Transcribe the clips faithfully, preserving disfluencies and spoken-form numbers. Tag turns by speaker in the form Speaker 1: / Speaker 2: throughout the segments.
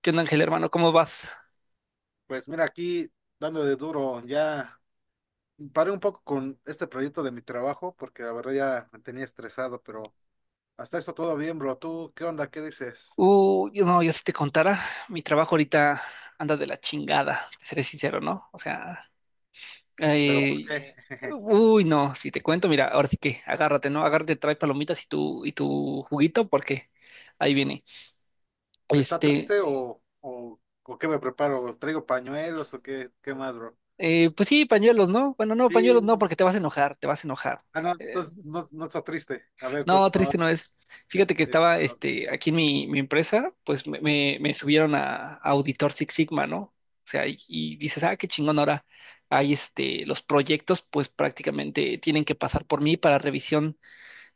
Speaker 1: ¿Qué onda, Ángel, hermano? ¿Cómo vas?
Speaker 2: Pues mira, aquí dándole duro, ya paré un poco con este proyecto de mi trabajo porque la verdad ya me tenía estresado, pero hasta esto todo bien, bro. ¿Tú qué onda? ¿Qué dices?
Speaker 1: Uh, yo no, yo si te contara, mi trabajo ahorita anda de la chingada, te seré sincero, ¿no? O sea,
Speaker 2: ¿Pero por
Speaker 1: eh,
Speaker 2: qué?
Speaker 1: uy, no, si te cuento, mira, ahora sí que agárrate, ¿no? Agárrate, trae palomitas y tu, y tu juguito, porque ahí viene.
Speaker 2: ¿Está
Speaker 1: Este,
Speaker 2: triste o, o, o qué me preparo? ¿Traigo pañuelos o qué, qué más, bro?
Speaker 1: eh, pues sí, pañuelos, ¿no? Bueno, no, pañuelos no,
Speaker 2: Sí.
Speaker 1: porque te vas a enojar, te vas a enojar.
Speaker 2: Ah, no,
Speaker 1: Eh,
Speaker 2: entonces no, no está triste. A ver,
Speaker 1: No,
Speaker 2: entonces
Speaker 1: triste
Speaker 2: no,
Speaker 1: no es. Fíjate que estaba
Speaker 2: esto,
Speaker 1: este, aquí en mi, mi empresa, pues me, me- me subieron a, a Auditor Six Sigma, ¿no? O sea, y, y dices, ah, qué chingón, ahora hay este, los proyectos, pues prácticamente tienen que pasar por mí para revisión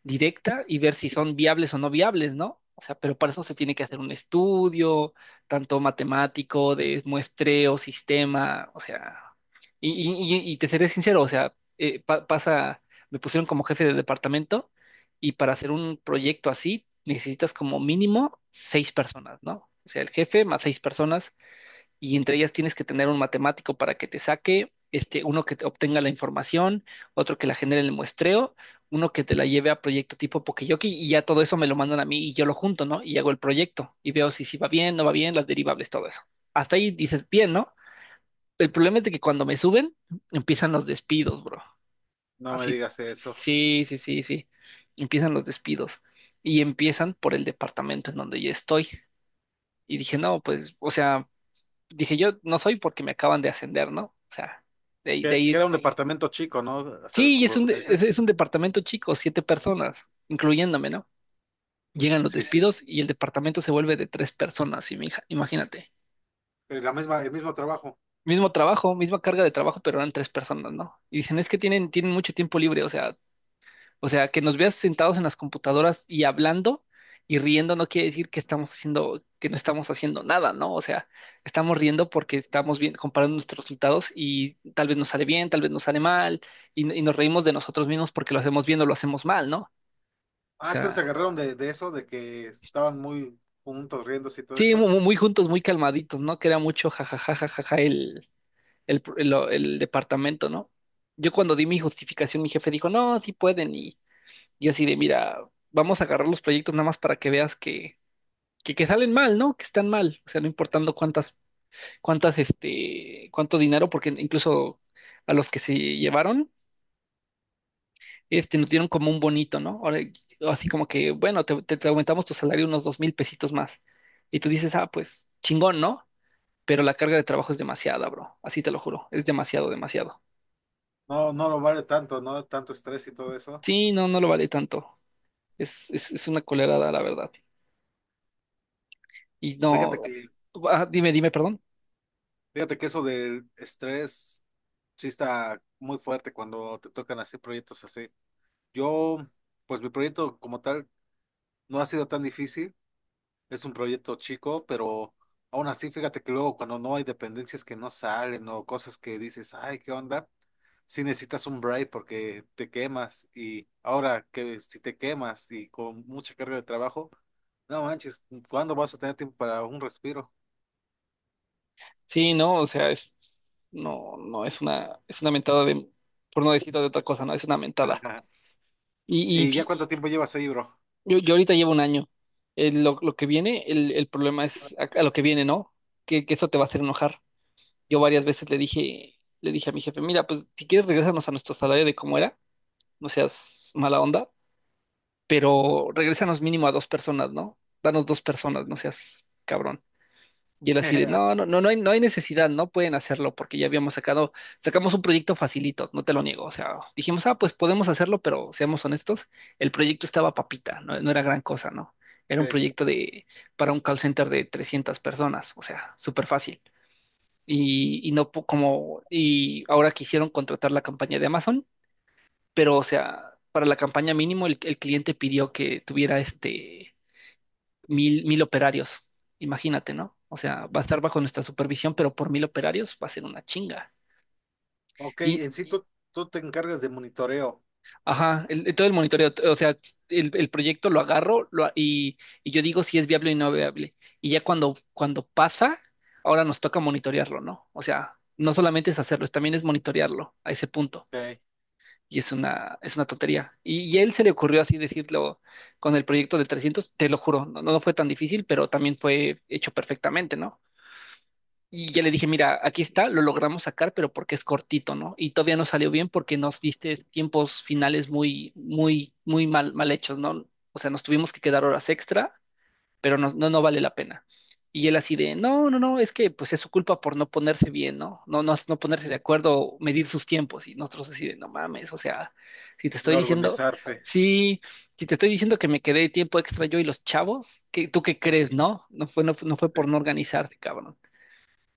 Speaker 1: directa y ver si son viables o no viables, ¿no? O sea, pero para eso se tiene que hacer un estudio, tanto matemático, de muestreo, sistema, o sea, y, y- y- y te seré sincero, o sea, eh, pa- pasa, me pusieron como jefe de departamento y para hacer un proyecto así necesitas como mínimo seis personas, ¿no? O sea, el jefe más seis personas y entre ellas tienes que tener un matemático para que te saque, este, uno que te obtenga la información, otro que la genere en el muestreo, uno que te la lleve a proyecto tipo Pokeyoki y ya todo eso me lo mandan a mí y yo lo junto, ¿no? Y hago el proyecto y veo si, si va bien, no va bien, las derivables, todo eso. Hasta ahí dices, bien, ¿no? El problema es de que cuando me suben, empiezan los despidos, bro.
Speaker 2: no me
Speaker 1: Así,
Speaker 2: digas eso.
Speaker 1: sí, sí, sí, sí. Empiezan los despidos y empiezan por el departamento en donde yo estoy. Y dije, no, pues, o sea, dije yo no soy porque me acaban de ascender, ¿no? O sea, de ahí,
Speaker 2: Que,
Speaker 1: de
Speaker 2: que
Speaker 1: ahí,
Speaker 2: era un departamento chico, ¿no? Hasta el-
Speaker 1: sí,
Speaker 2: por
Speaker 1: es
Speaker 2: lo
Speaker 1: un,
Speaker 2: que me
Speaker 1: de-
Speaker 2: dices.
Speaker 1: es, es un departamento chico, siete personas, incluyéndome, ¿no? Llegan los
Speaker 2: Sí, sí.
Speaker 1: despidos y el departamento se vuelve de tres personas, y mi hija, imagínate.
Speaker 2: Eh, la misma, el mismo trabajo.
Speaker 1: Mismo trabajo, misma carga de trabajo, pero eran tres personas, ¿no? Y dicen, es que tienen, tienen mucho tiempo libre, o sea, o sea, que nos veas sentados en las computadoras y hablando y riendo no quiere decir que estamos haciendo, que no estamos haciendo nada, ¿no? O sea, estamos riendo porque estamos bien, comparando nuestros resultados y tal vez nos sale bien, tal vez nos sale mal, y, y nos reímos de nosotros mismos porque lo hacemos bien o lo hacemos mal, ¿no? O
Speaker 2: Ah, entonces se
Speaker 1: sea,
Speaker 2: agarraron de, de eso, de que estaban muy juntos riéndose y todo
Speaker 1: sí, mu-
Speaker 2: eso.
Speaker 1: mu- muy, juntos, muy calmaditos, ¿no? Que era mucho jajaja, jajaja el, el, pr- el, el departamento, ¿no? Yo cuando di mi justificación, mi jefe dijo, no, sí pueden, y yo así de, mira, vamos a agarrar los proyectos nada más para que veas que que, que salen mal, ¿no? Que están mal, o sea, no importando cuántas, cuántas, este, cuánto dinero, porque incluso a los que se llevaron, este, nos dieron como un bonito, ¿no? Ahora, así como que, bueno, te, te- te aumentamos tu salario unos dos mil pesitos más. Y tú dices, ah, pues, chingón, ¿no? Pero la carga de trabajo es demasiada, bro. Así te lo juro. Es demasiado, demasiado.
Speaker 2: No, no lo vale tanto, ¿no? Tanto estrés y todo eso.
Speaker 1: Sí, no, no lo vale tanto. Es, es, es una colerada, la verdad. Y
Speaker 2: Fíjate
Speaker 1: no.
Speaker 2: que,
Speaker 1: Ah, dime, dime, perdón.
Speaker 2: fíjate que eso del estrés sí está muy fuerte cuando te tocan así proyectos así. Yo, pues mi proyecto como tal no ha sido tan difícil. Es un proyecto chico, pero aún así, fíjate que luego cuando no hay dependencias que no salen o cosas que dices, ay, ¿qué onda? Si necesitas un break porque te quemas y ahora que si te quemas y con mucha carga de trabajo, no manches, ¿cuándo vas a tener tiempo para un respiro?
Speaker 1: Sí, no, o sea, es, no, no, es una, es una mentada de, por no decirlo de otra cosa, no, es una mentada. Y, y
Speaker 2: ¿Y ya
Speaker 1: fi-
Speaker 2: cuánto tiempo llevas ahí, bro?
Speaker 1: yo, yo ahorita llevo un año. Eh, lo, lo que viene, el, el problema es a, a lo que viene, ¿no? Que, que eso te va a hacer enojar. Yo varias veces le dije, le dije a mi jefe, mira, pues si quieres regresarnos a nuestro salario de cómo era, no seas mala onda, pero regrésanos mínimo a dos personas, ¿no? Danos dos personas, no seas cabrón. Y él así de, no, no, no, no hay, no hay necesidad, no pueden hacerlo porque ya habíamos sacado, sacamos un proyecto facilito, no te lo niego. O sea, dijimos, ah, pues podemos hacerlo, pero seamos honestos, el proyecto estaba papita, no, no era gran cosa, ¿no? Era un
Speaker 2: Ok.
Speaker 1: proyecto de, para un call center de trescientas personas, o sea, súper fácil. Y, y no po- como, y ahora quisieron contratar la campaña de Amazon, pero o sea, para la campaña mínimo el, el cliente pidió que tuviera este mil, mil operarios. Imagínate, ¿no? O sea, va a estar bajo nuestra supervisión, pero por mil operarios va a ser una chinga.
Speaker 2: ok,
Speaker 1: Y,
Speaker 2: en sí tú, tú te encargas de monitoreo,
Speaker 1: ajá, el, todo el monitoreo, o sea, el, el proyecto lo agarro lo a- y, y yo digo si es viable o no viable. Y ya cuando, cuando pasa, ahora nos toca monitorearlo, ¿no? O sea, no solamente es hacerlo, es- también es monitorearlo a ese punto.
Speaker 2: okay.
Speaker 1: Y es una, es una tontería. Y, y a él se le ocurrió así decirlo con el proyecto de trescientos te lo juro, no, no fue tan difícil, pero también fue hecho perfectamente, ¿no? Y ya le dije, mira, aquí está, lo logramos sacar, pero porque es cortito, ¿no? Y todavía no salió bien porque nos diste tiempos finales muy, muy, muy mal, mal hechos, ¿no? O sea, nos tuvimos que quedar horas extra, pero no, no, no vale la pena. Y él así de, no, no, no, es que pues es su culpa por no ponerse bien, ¿no? No, no, no ponerse de acuerdo, medir sus tiempos. Y nosotros así de, no mames, o sea, si te estoy
Speaker 2: No
Speaker 1: diciendo,
Speaker 2: organizarse.
Speaker 1: sí, si te estoy diciendo que me quedé tiempo extra yo y los chavos, ¿qué, tú qué crees, no? No fue, no, fue- no fue por
Speaker 2: Sí.
Speaker 1: no organizarse, cabrón.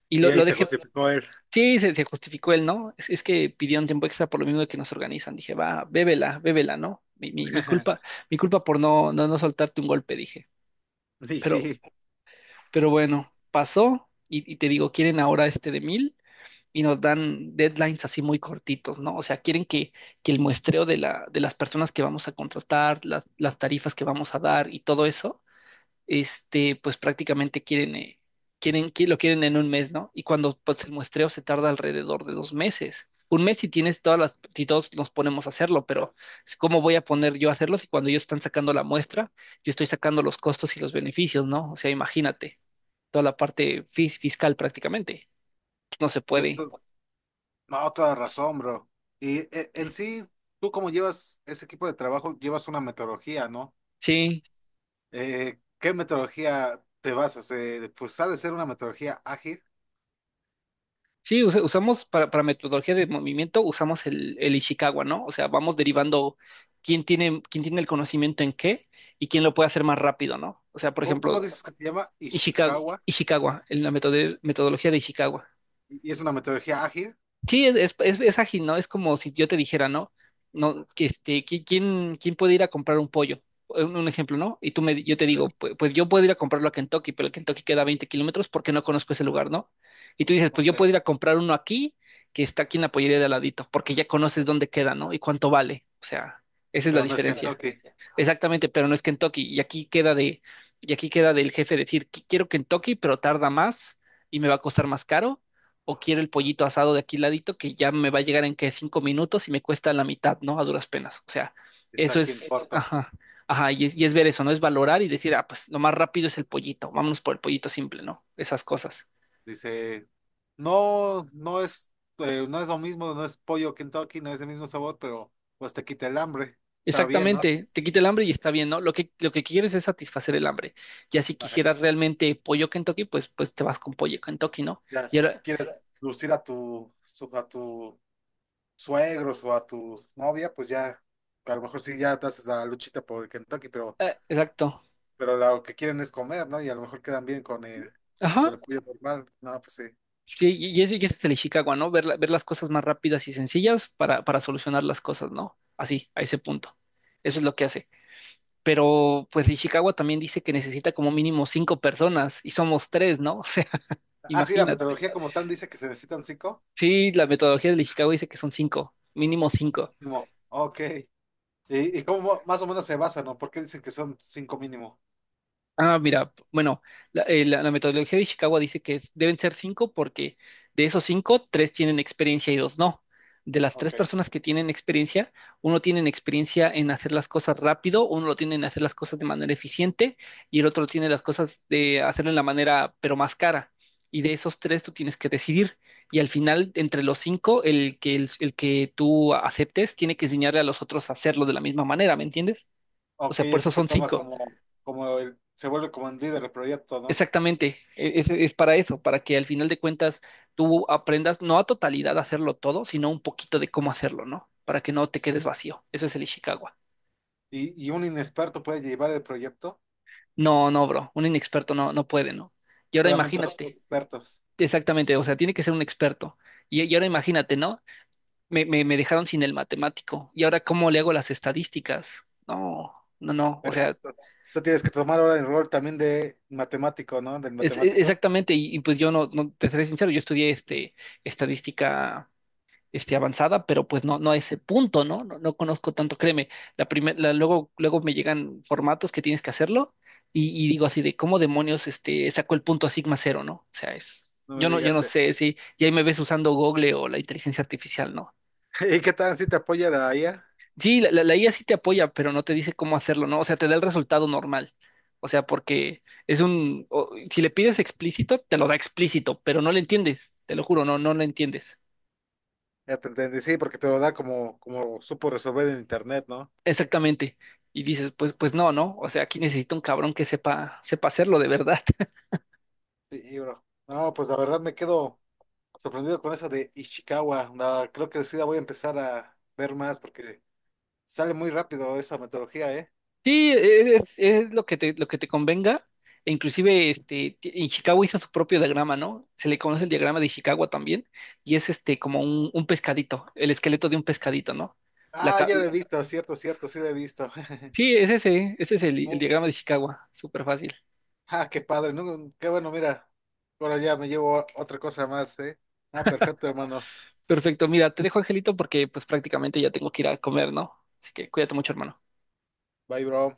Speaker 1: Y
Speaker 2: Y
Speaker 1: lo,
Speaker 2: ahí
Speaker 1: lo
Speaker 2: se
Speaker 1: dejé.
Speaker 2: justificó él.
Speaker 1: Sí, se, se justificó él, ¿no? Es, es que pidió un tiempo extra por lo mismo de que nos organizan. Dije, va, bébela, bébela, ¿no? Mi, mi, mi culpa, mi culpa por no, no, no soltarte un golpe, dije.
Speaker 2: Y
Speaker 1: Pero,
Speaker 2: sí,
Speaker 1: pero bueno, pasó y, y te digo, quieren ahora este de mil y nos dan deadlines así muy cortitos, ¿no? O sea, quieren que, que el muestreo de la, de las personas que vamos a contratar, las, las tarifas que vamos a dar y todo eso este, pues prácticamente quieren, eh, quieren, qui- lo quieren en un mes, ¿no? Y cuando pues, el muestreo se tarda alrededor de dos meses. Un mes si tienes todas las, si todos nos ponemos a hacerlo, pero ¿cómo voy a poner yo a hacerlo si cuando ellos están sacando la muestra, yo estoy sacando los costos y los beneficios, ¿no? O sea, imagínate, toda la parte fis- fiscal prácticamente. No se puede.
Speaker 2: cierto. No, toda razón, bro. Y eh, en sí, tú como llevas ese equipo de trabajo, llevas una metodología, ¿no?
Speaker 1: Sí.
Speaker 2: Eh, ¿qué metodología te basas? Eh, pues ha de ser una metodología ágil.
Speaker 1: Sí, usa- usamos para, para metodología de movimiento, usamos el, el Ishikawa, ¿no? O sea, vamos derivando quién tiene, quién tiene el conocimiento en qué y quién lo puede hacer más rápido, ¿no? O sea, por
Speaker 2: ¿Cómo, cómo
Speaker 1: ejemplo,
Speaker 2: dices que se llama?
Speaker 1: Ishikawa,
Speaker 2: Ishikawa.
Speaker 1: Ishikawa, en la metode- metodología de Ishikawa.
Speaker 2: ¿Y y es una metodología ágil?
Speaker 1: Sí, es, es, es- es ágil, ¿no? Es como si yo te dijera, ¿no? No, que este, qui- ¿quién, quién puede ir a comprar un pollo? Un, un ejemplo, ¿no? Y tú me, yo te digo, pues, pues yo puedo ir a comprarlo a Kentucky, pero el Kentucky queda a veinte kilómetros porque no conozco ese lugar, ¿no? Y tú dices, pues
Speaker 2: Ok.
Speaker 1: yo puedo ir a comprar uno aquí, que está aquí en la pollería de al ladito, porque ya conoces dónde queda, ¿no? Y cuánto vale. O sea, esa es la
Speaker 2: Pero no es... Esa es
Speaker 1: diferencia.
Speaker 2: Kentucky.
Speaker 1: Exactamente, pero no es Kentucky. Y aquí queda de, y aquí queda del jefe decir, "Qui- quiero Kentucky, pero tarda más y me va a costar más caro, o quiero el pollito asado de aquí ladito que ya me va a llegar en que cinco minutos y me cuesta la mitad, ¿no? A duras penas. O sea,
Speaker 2: Está
Speaker 1: eso
Speaker 2: aquí en... Esa-
Speaker 1: es,
Speaker 2: corto.
Speaker 1: ajá, ajá, y es, y es ver eso, ¿no? Es valorar y decir, ah, pues lo más rápido es el pollito, vámonos por el pollito simple, ¿no? Esas cosas.
Speaker 2: Dice, no, no es, eh, no es lo mismo, no es pollo Kentucky, no es el mismo sabor, pero pues te quita el hambre. Está bien, ¿no?
Speaker 1: Exactamente, te quita el hambre y está bien, ¿no? Lo que, lo que quieres es satisfacer el hambre. Ya si
Speaker 2: Ajá.
Speaker 1: quisieras realmente pollo Kentucky, pues, pues te vas con pollo Kentucky, ¿no?
Speaker 2: Ya,
Speaker 1: Y
Speaker 2: si
Speaker 1: ahora,
Speaker 2: quieres lucir a tu, su- a tu suegros o a tu novia, pues ya, a lo mejor sí ya te haces la luchita por el Kentucky, pero
Speaker 1: eh, exacto.
Speaker 2: pero lo que quieren es comer, ¿no? Y a lo mejor quedan bien con el,
Speaker 1: Ajá.
Speaker 2: con el pollo normal. No, pues sí.
Speaker 1: Sí, y y eso y ese es el Ishikawa, ¿no? Ver, la- ver las cosas más rápidas y sencillas para, para solucionar las cosas, ¿no? Así, a ese punto. Eso es lo que hace. Pero pues Ishikawa también dice que necesita como mínimo cinco personas y somos tres, ¿no? O sea,
Speaker 2: Ah, sí, la
Speaker 1: imagínate.
Speaker 2: metodología como tal dice que se necesitan cinco.
Speaker 1: Sí, la metodología del Ishikawa dice que son cinco, mínimo cinco.
Speaker 2: Como, ok. ¿Y, y cómo más o menos se basa, ¿no? ¿Por qué dicen que son cinco mínimo?
Speaker 1: Ah, mira, p- bueno, la, eh, la- la metodología de Ishikawa dice que es- deben ser cinco porque de esos cinco, tres tienen experiencia y dos no. De las tres
Speaker 2: Ok.
Speaker 1: personas que tienen experiencia, uno tiene experiencia en hacer las cosas rápido, uno lo tiene en hacer las cosas de manera eficiente y el otro tiene las cosas de hacerlo en la manera pero más cara. Y de esos tres tú tienes que decidir. Y al final, entre los cinco, el que, el el que tú aceptes tiene que enseñarle a los otros a hacerlo de la misma manera, ¿me entiendes? O
Speaker 2: Ok,
Speaker 1: sea, por eso
Speaker 2: ese que
Speaker 1: son
Speaker 2: toma
Speaker 1: cinco.
Speaker 2: como, como el, se vuelve como el líder del proyecto, ¿no?
Speaker 1: Exactamente, e- es, es para eso, para que al final de cuentas tú aprendas no a totalidad a hacerlo todo, sino un poquito de cómo hacerlo, ¿no? Para que no te quedes vacío. Eso es el Ishikawa.
Speaker 2: Y, y un inexperto puede llevar el proyecto,
Speaker 1: No, no, bro, un inexperto no, no puede, ¿no? Y ahora
Speaker 2: solamente los
Speaker 1: imagínate,
Speaker 2: tres expertos.
Speaker 1: exactamente, o sea, tiene que ser un experto. Y, y ahora imagínate, ¿no? Me, me, me dejaron sin el matemático. ¿Y ahora cómo le hago las estadísticas? No, no, no, o sea,
Speaker 2: Perfecto. Tú tienes que tomar ahora el rol también de matemático, ¿no? Del
Speaker 1: es, e-
Speaker 2: matemático.
Speaker 1: exactamente, y, y pues yo no, no, te seré sincero, yo estudié este, estadística este, avanzada, pero pues no, no a ese punto, ¿no? No, no conozco tanto, créeme. La primer- la- luego, luego me llegan formatos que tienes que hacerlo y, y digo así de cómo demonios este, sacó el punto a sigma cero, ¿no? O sea, es,
Speaker 2: No me
Speaker 1: yo no, yo
Speaker 2: digas.
Speaker 1: no
Speaker 2: Eh.
Speaker 1: sé si ya ahí me ves usando Google o la inteligencia artificial, ¿no?
Speaker 2: ¿Y qué tal si te apoya la I A?
Speaker 1: Sí, la, la, la I A sí te apoya, pero no te dice cómo hacerlo, ¿no? O sea, te da el resultado normal. O sea, porque es un, o- si le pides explícito, te lo da explícito, pero no lo entiendes, te lo juro, no, no lo entiendes.
Speaker 2: Ya te entendí, sí, porque te lo da como, como supo resolver en internet, ¿no?
Speaker 1: Exactamente. Y dices, pues, pues no, ¿no? O sea, aquí necesito un cabrón que sepa, sepa hacerlo de verdad.
Speaker 2: Sí, y bro. No, pues la verdad me quedo sorprendido con esa de Ishikawa. La- creo que sí la voy a empezar a ver más porque sale muy rápido esa metodología, ¿eh?
Speaker 1: Sí, e-, es, es lo que te, lo que te convenga. E inclusive, este, ti- en Chicago hizo su propio diagrama, ¿no? Se le conoce el diagrama de Chicago también, y es este como un, un pescadito, el esqueleto de un pescadito, ¿no? La,
Speaker 2: Ah,
Speaker 1: ca-
Speaker 2: ya la he visto, cierto, cierto, sí la he visto.
Speaker 1: sí, es ese, ese es el, el
Speaker 2: Oh,
Speaker 1: diagrama de Chicago, súper fácil.
Speaker 2: ah, qué padre, ¿no? Qué bueno, mira. Ahora ya me llevo otra cosa más, ¿eh? Ah, perfecto, hermano.
Speaker 1: Perfecto, mira, te dejo, Angelito, porque pues prácticamente ya tengo que ir a comer, ¿no? Así que cuídate mucho, hermano.
Speaker 2: Bye, bro.